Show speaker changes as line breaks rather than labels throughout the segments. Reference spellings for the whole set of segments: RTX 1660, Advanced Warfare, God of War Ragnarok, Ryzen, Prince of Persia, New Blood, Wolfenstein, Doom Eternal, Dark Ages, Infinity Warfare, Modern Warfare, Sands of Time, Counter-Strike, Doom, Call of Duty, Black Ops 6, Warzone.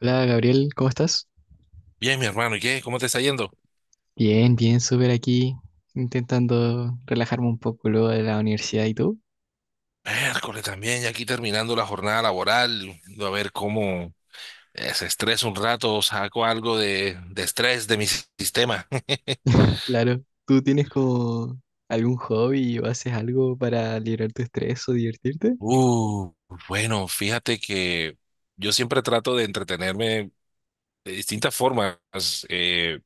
Hola Gabriel, ¿cómo estás?
Bien, mi hermano, ¿y qué? ¿Cómo te está yendo?
Bien, bien, súper aquí, intentando relajarme un poco luego de la universidad. ¿Y tú?
Miércoles también, ya aquí terminando la jornada laboral, a ver cómo se estresa un rato, saco algo de estrés de mi sistema.
Claro, ¿tú tienes como algún hobby o haces algo para liberar tu estrés o divertirte?
Uh, bueno, fíjate que yo siempre trato de entretenerme de distintas formas, eh,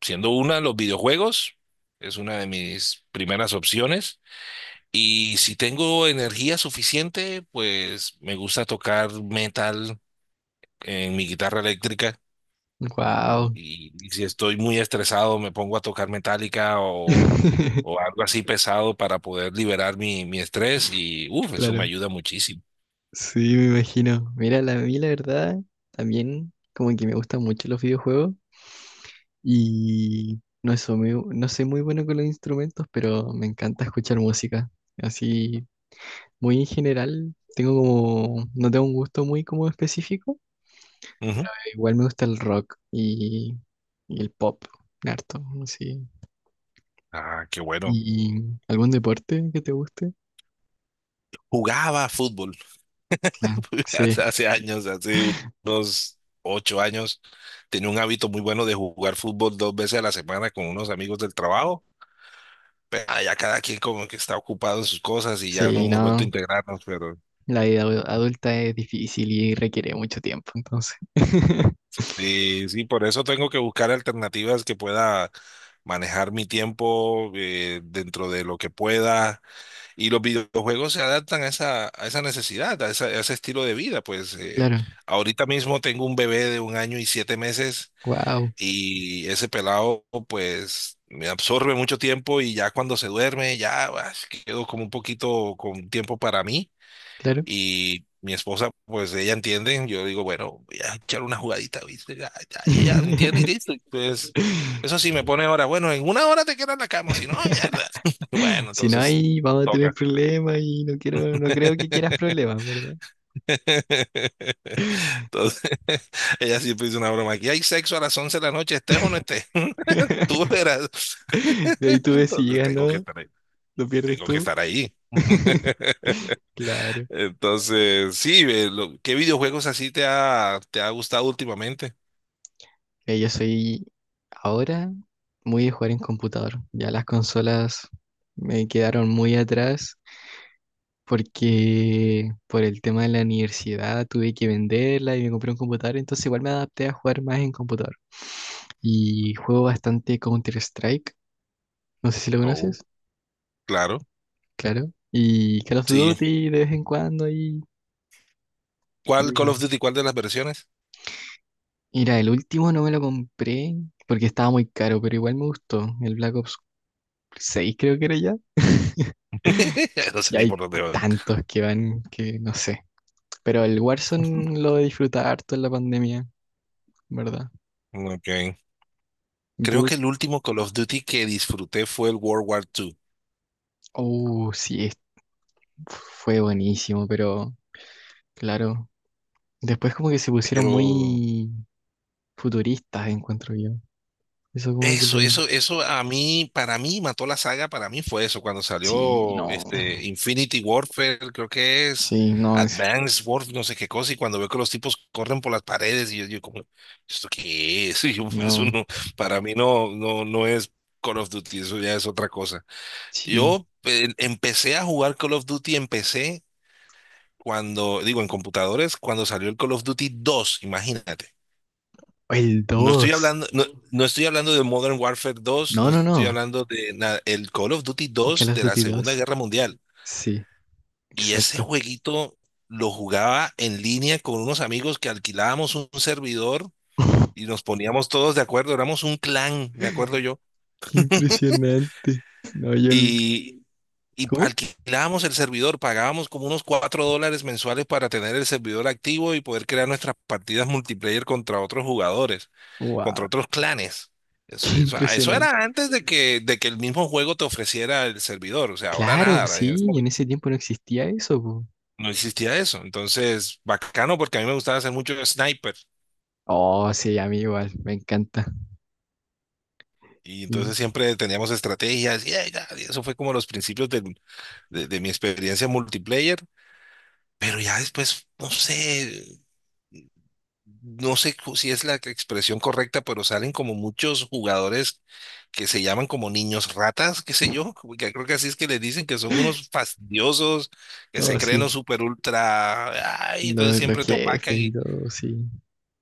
siendo una los videojuegos, es una de mis primeras opciones, y si tengo energía suficiente, pues me gusta tocar metal en mi guitarra eléctrica.
Wow.
Y si estoy muy estresado, me pongo a tocar metallica o algo así pesado para poder liberar mi estrés y, uff, eso me
Claro,
ayuda muchísimo.
sí, me imagino. Mira, la, a mí la verdad también como que me gustan mucho los videojuegos y no, soy muy, no soy muy bueno con los instrumentos, pero me encanta escuchar música. Así muy general. Tengo como, no tengo un gusto muy como específico.
Ujú.
Igual me gusta el rock y el pop, harto, sí.
Ah, qué bueno.
¿Y algún deporte que te guste?
Jugaba fútbol.
Claro. Sí,
Hace años, hace unos 8 años, tenía un hábito muy bueno de jugar fútbol 2 veces a la semana con unos amigos del trabajo. Pero ya cada quien como que está ocupado en sus cosas y ya no
sí,
hemos vuelto a
no.
integrarnos, pero
La vida adulta es difícil y requiere mucho tiempo, entonces.
sí, sí, por eso tengo que buscar alternativas que pueda manejar mi tiempo dentro de lo que pueda. Y los videojuegos se adaptan a a esa necesidad, a ese estilo de vida. Pues
Claro,
ahorita mismo tengo un bebé de 1 año y 7 meses.
wow,
Y ese pelado, pues, me absorbe mucho tiempo y ya cuando se duerme, ya quedo como un poquito con tiempo para mí.
claro.
Y mi esposa, pues, ella entiende. Yo digo, bueno, voy a echar una jugadita, ¿viste? Ya, ya, y ella entiende y listo. Y, pues, eso sí, me pone ahora, bueno, en una hora te quedas en la cama, si no, mierda. Bueno,
Si no
entonces,
hay, vamos a tener
toca.
problemas y no quiero, no creo que quieras problemas, ¿verdad?
Entonces, ella siempre dice una broma, aquí hay sexo a las 11 de la noche, estés o no estés, tú verás.
De ahí tú ves si
Entonces
llegas,
tengo que
¿no?
estar ahí.
Lo pierdes
Tengo que
tú.
estar ahí.
Claro.
Entonces, sí, ¿qué videojuegos así te te ha gustado últimamente?
Yo soy ahora muy de jugar en computador. Ya las consolas me quedaron muy atrás porque por el tema de la universidad tuve que venderla y me compré un computador, entonces igual me adapté a jugar más en computador. Y juego bastante Counter-Strike, no sé si lo
Oh,
conoces,
claro,
claro. Y Call of
sí.
Duty de vez en cuando y...
¿Cuál Call of Duty, cuál de las versiones?
Mira, el último no me lo compré porque estaba muy caro, pero igual me gustó. El Black Ops 6 creo que era ya.
No
Y
sé ni
hay
por dónde van.
tantos que van que no sé. Pero el Warzone lo disfruté harto en la pandemia, ¿verdad?
Ok.
¿Y
Creo
tú?
que el último Call of Duty que disfruté fue el World War II,
Oh, sí, fue buenísimo, pero claro. Después como que se pusieron
pero
muy futuristas, encuentro yo. Eso como que le...
eso a mí, para mí mató la saga, para mí fue eso, cuando
Sí,
salió
no.
este Infinity Warfare, creo que es
Sí, no, es...
Advanced Warfare, no sé qué cosa, y cuando veo que los tipos corren por las paredes, yo como, ¿esto qué es? Y yo, eso
No.
no, para mí no es Call of Duty, eso ya es otra cosa.
Sí.
Yo empecé a jugar Call of Duty, empecé cuando, digo, en computadores, cuando salió el Call of Duty dos, imagínate.
O el
No estoy
dos.
hablando, no, no estoy hablando de Modern Warfare dos,
No,
no
no,
estoy
no.
hablando de nada, el Call of Duty
Call
dos
of
de la
Duty
Segunda
dos.
Guerra Mundial.
Sí,
Y ese
exacto.
jueguito lo jugaba en línea con unos amigos que alquilábamos un servidor y nos poníamos todos de acuerdo, éramos un clan, me acuerdo yo.
Qué impresionante. No, yo el...
Y y
¿Cómo?
alquilábamos el servidor, pagábamos como unos $4 mensuales para tener el servidor activo y poder crear nuestras partidas multiplayer contra otros jugadores, contra
Wow,
otros clanes. Eso,
qué
eso, eso
impresionante.
era antes de que el mismo juego te ofreciera el servidor, o sea, ahora
Claro, pues
nada, en ese
sí, en
momento
ese tiempo no existía eso, po.
no existía eso. Entonces, bacano porque a mí me gustaba hacer mucho sniper.
Oh, sí, a mí igual, me encanta.
Y
Y-
entonces siempre teníamos estrategias y, ay, ya, y eso fue como los principios de mi experiencia multiplayer. Pero ya después, no sé, no sé si es la expresión correcta, pero salen como muchos jugadores que se llaman como niños ratas, qué sé yo, como que creo que así es que les dicen que son unos fastidiosos, que se
No,
creen
sí,
los super ultra, ay, entonces
los,
siempre te opacan
jefes y todo, sí.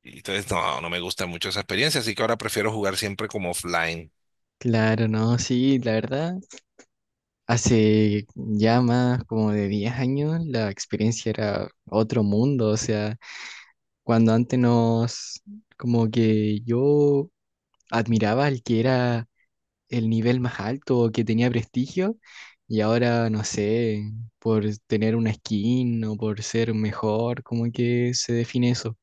y entonces, no, no me gusta mucho esa experiencia, así que ahora prefiero jugar siempre como offline.
Claro, no, sí, la verdad, hace ya más como de 10 años la experiencia era otro mundo, o sea, cuando antes nos, como que yo admiraba al que era el nivel más alto, o que tenía prestigio, y ahora, no sé, por tener una skin o por ser mejor, como que se define eso.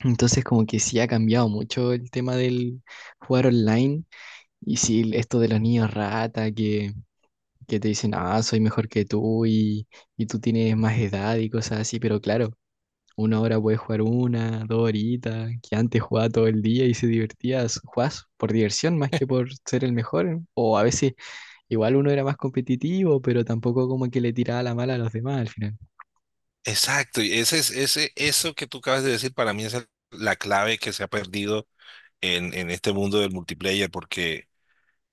Entonces, como que sí ha cambiado mucho el tema del jugar online, y sí, esto de los niños rata, que te dicen, ah, soy mejor que tú y tú tienes más edad y cosas así, pero claro. Una hora puedes jugar una, dos horitas, que antes jugaba todo el día y se divertía, jugás por diversión más que por ser el mejor, o a veces. Igual uno era más competitivo, pero tampoco como que le tiraba la mala a los demás al final.
Exacto, y ese es ese, eso que tú acabas de decir para mí es la clave que se ha perdido en este mundo del multiplayer, porque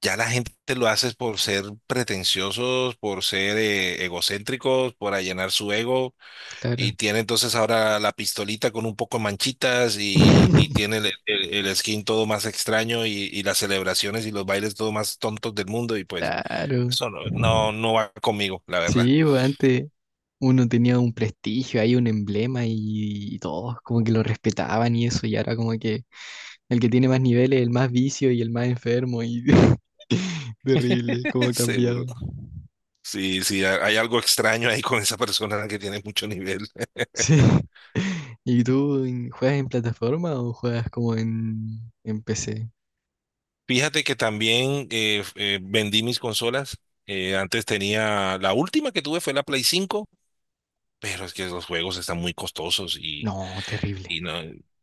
ya la gente lo hace por ser pretenciosos, por ser egocéntricos, por allanar su ego, y
Claro.
tiene entonces ahora la pistolita con un poco de manchitas y tiene el skin todo más extraño y las celebraciones y los bailes todo más tontos del mundo, y pues
Claro.
eso no va conmigo, la verdad.
Sí, pues, antes uno tenía un prestigio, ahí un emblema y todos como que lo respetaban y eso, y ahora como que el que tiene más niveles, el más vicio y el más enfermo y terrible, cómo ha
Seguro.
cambiado.
Sí, sí, hay algo extraño ahí con esa persona que tiene mucho nivel.
Sí. ¿Y tú juegas en plataforma o juegas como en PC?
Fíjate que también vendí mis consolas. Antes tenía, la última que tuve fue la Play 5. Pero es que los juegos están muy costosos
No, terrible.
y no,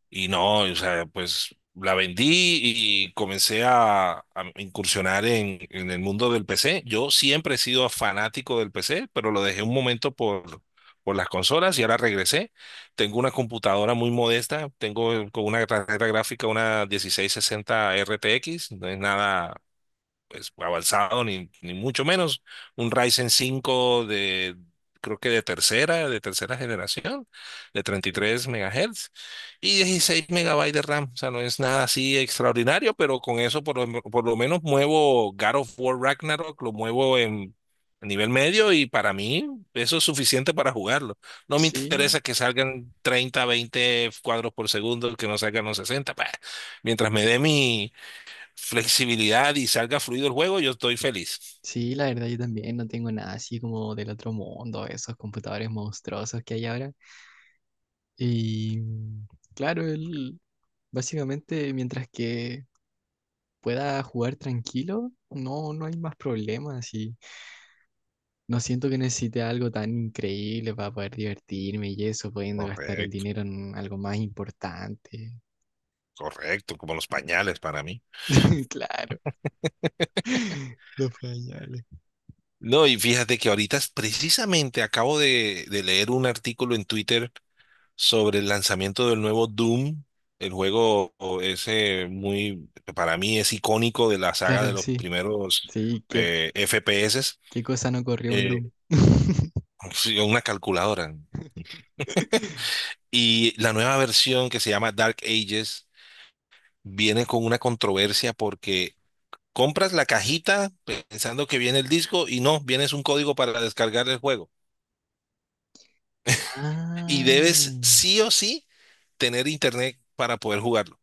o sea, pues la vendí y comencé a incursionar en el mundo del PC. Yo siempre he sido fanático del PC, pero lo dejé un momento por las consolas y ahora regresé. Tengo una computadora muy modesta, tengo con una tarjeta gráfica una 1660 RTX, no es nada pues, avanzado, ni mucho menos. Un Ryzen 5 creo que de tercera generación, de 33 MHz y 16 MB de RAM. O sea, no es nada así extraordinario, pero con eso por por lo menos muevo God of War Ragnarok, lo muevo en a nivel medio y para mí eso es suficiente para jugarlo. No me
Sí.
interesa que salgan 30 20 cuadros por segundo, que no salgan los 60. Bah. Mientras me dé mi flexibilidad y salga fluido el juego, yo estoy feliz.
Sí, la verdad yo también no tengo nada así como del otro mundo, esos computadores monstruosos que hay ahora. Y mm, claro, el- básicamente mientras que pueda jugar tranquilo, no, no hay más problemas y no siento que necesite algo tan increíble para poder divertirme y eso, pudiendo gastar el
Correcto,
dinero en algo más importante.
correcto, como los pañales para mí.
Claro, los pañales.
No, y fíjate que ahorita precisamente acabo de leer un artículo en Twitter sobre el lanzamiento del nuevo Doom, el juego o ese muy, para mí es icónico de la saga de
Claro,
los
sí,
primeros
sí, qué,
FPS,
qué cosa no corrió un
eh,
Doom.
sí, una calculadora. Y la nueva versión que se llama Dark Ages viene con una controversia porque compras la cajita pensando que viene el disco y no, vienes un código para descargar el juego. Y
Ah,
debes sí o sí tener internet para poder jugarlo.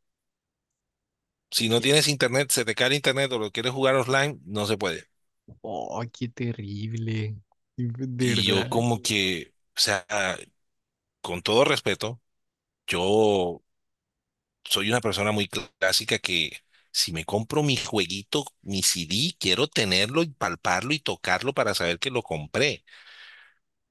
Si no
qué,
tienes internet, se te cae internet o lo quieres jugar offline, no se puede.
oh, qué terrible. De
Y yo
verdad.
como que, o sea, con todo respeto, yo soy una persona muy clásica que si me compro mi jueguito, mi CD, quiero tenerlo y palparlo y tocarlo para saber que lo compré.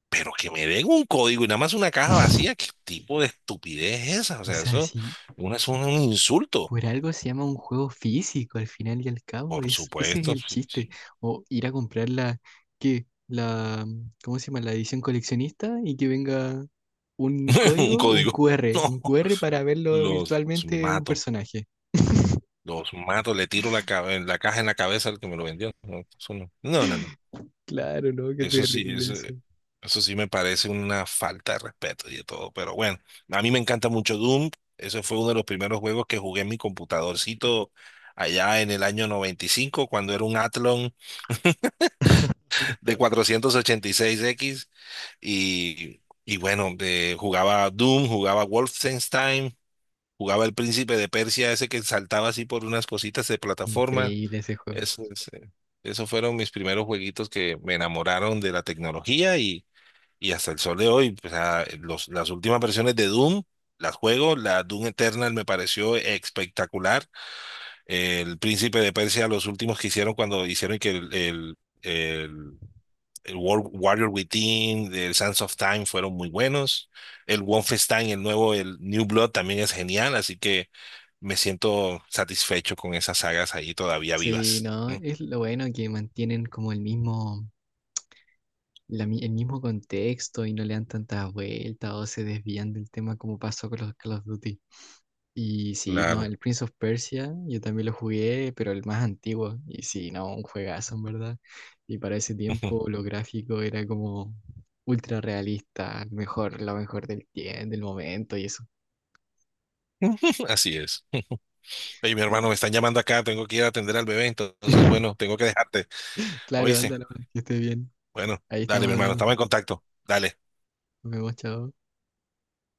Pero que me den un código y nada más una caja vacía, ¿qué tipo de estupidez es esa? O
O
sea,
sea,
eso
sí,
es un insulto.
por algo se llama un juego físico al final y al cabo.
Por
Es, ese es
supuesto,
el
sí,
chiste.
sí.
O ir a comprar la, ¿qué? La, ¿cómo se llama? La edición coleccionista y que venga un
Un
código, un
código.
QR, un QR para verlo
No, los
virtualmente un
mato,
personaje.
los mato, le tiro la caja en la cabeza al que me lo vendió. No, eso no.
Claro, ¿no? Qué
Eso sí,
terrible eso.
eso sí me parece una falta de respeto y de todo. Pero bueno, a mí me encanta mucho Doom. Ese fue uno de los primeros juegos que jugué en mi computadorcito allá en el año 95, cuando era un Athlon de 486 x y bueno, jugaba Doom, jugaba Wolfenstein, jugaba El Príncipe de Persia, ese que saltaba así por unas cositas de plataforma.
Increíble ese juego.
Eso, es, eh, esos fueron mis primeros jueguitos que me enamoraron de la tecnología y hasta el sol de hoy. O sea, las últimas versiones de Doom las juego, la Doom Eternal me pareció espectacular. El Príncipe de Persia, los últimos que hicieron cuando hicieron que el World Warrior Within, el Sands of Time fueron muy buenos. El Wolfenstein, el nuevo, el New Blood también es genial, así que me siento satisfecho con esas sagas ahí todavía
Sí,
vivas.
no,
¿No?
es lo bueno que mantienen como el mismo, el mismo contexto y no le dan tantas vueltas o se desvían del tema como pasó con los Call of Duty. Y sí, no,
Claro.
el Prince of Persia, yo también lo jugué, pero el más antiguo. Y sí, no, un juegazo, en verdad. Y para ese tiempo lo gráfico era como ultra realista, mejor, lo mejor del tiempo, del momento y eso.
Así es. Oye, mi
Ah,
hermano,
bueno.
me están llamando acá, tengo que ir a atender al bebé, entonces, bueno, tengo que dejarte.
Claro,
Oíste,
ándalo, que esté bien.
bueno,
Ahí
dale,
estamos
mi hermano,
hablando.
estamos en contacto. Dale.
Nos vemos, chao.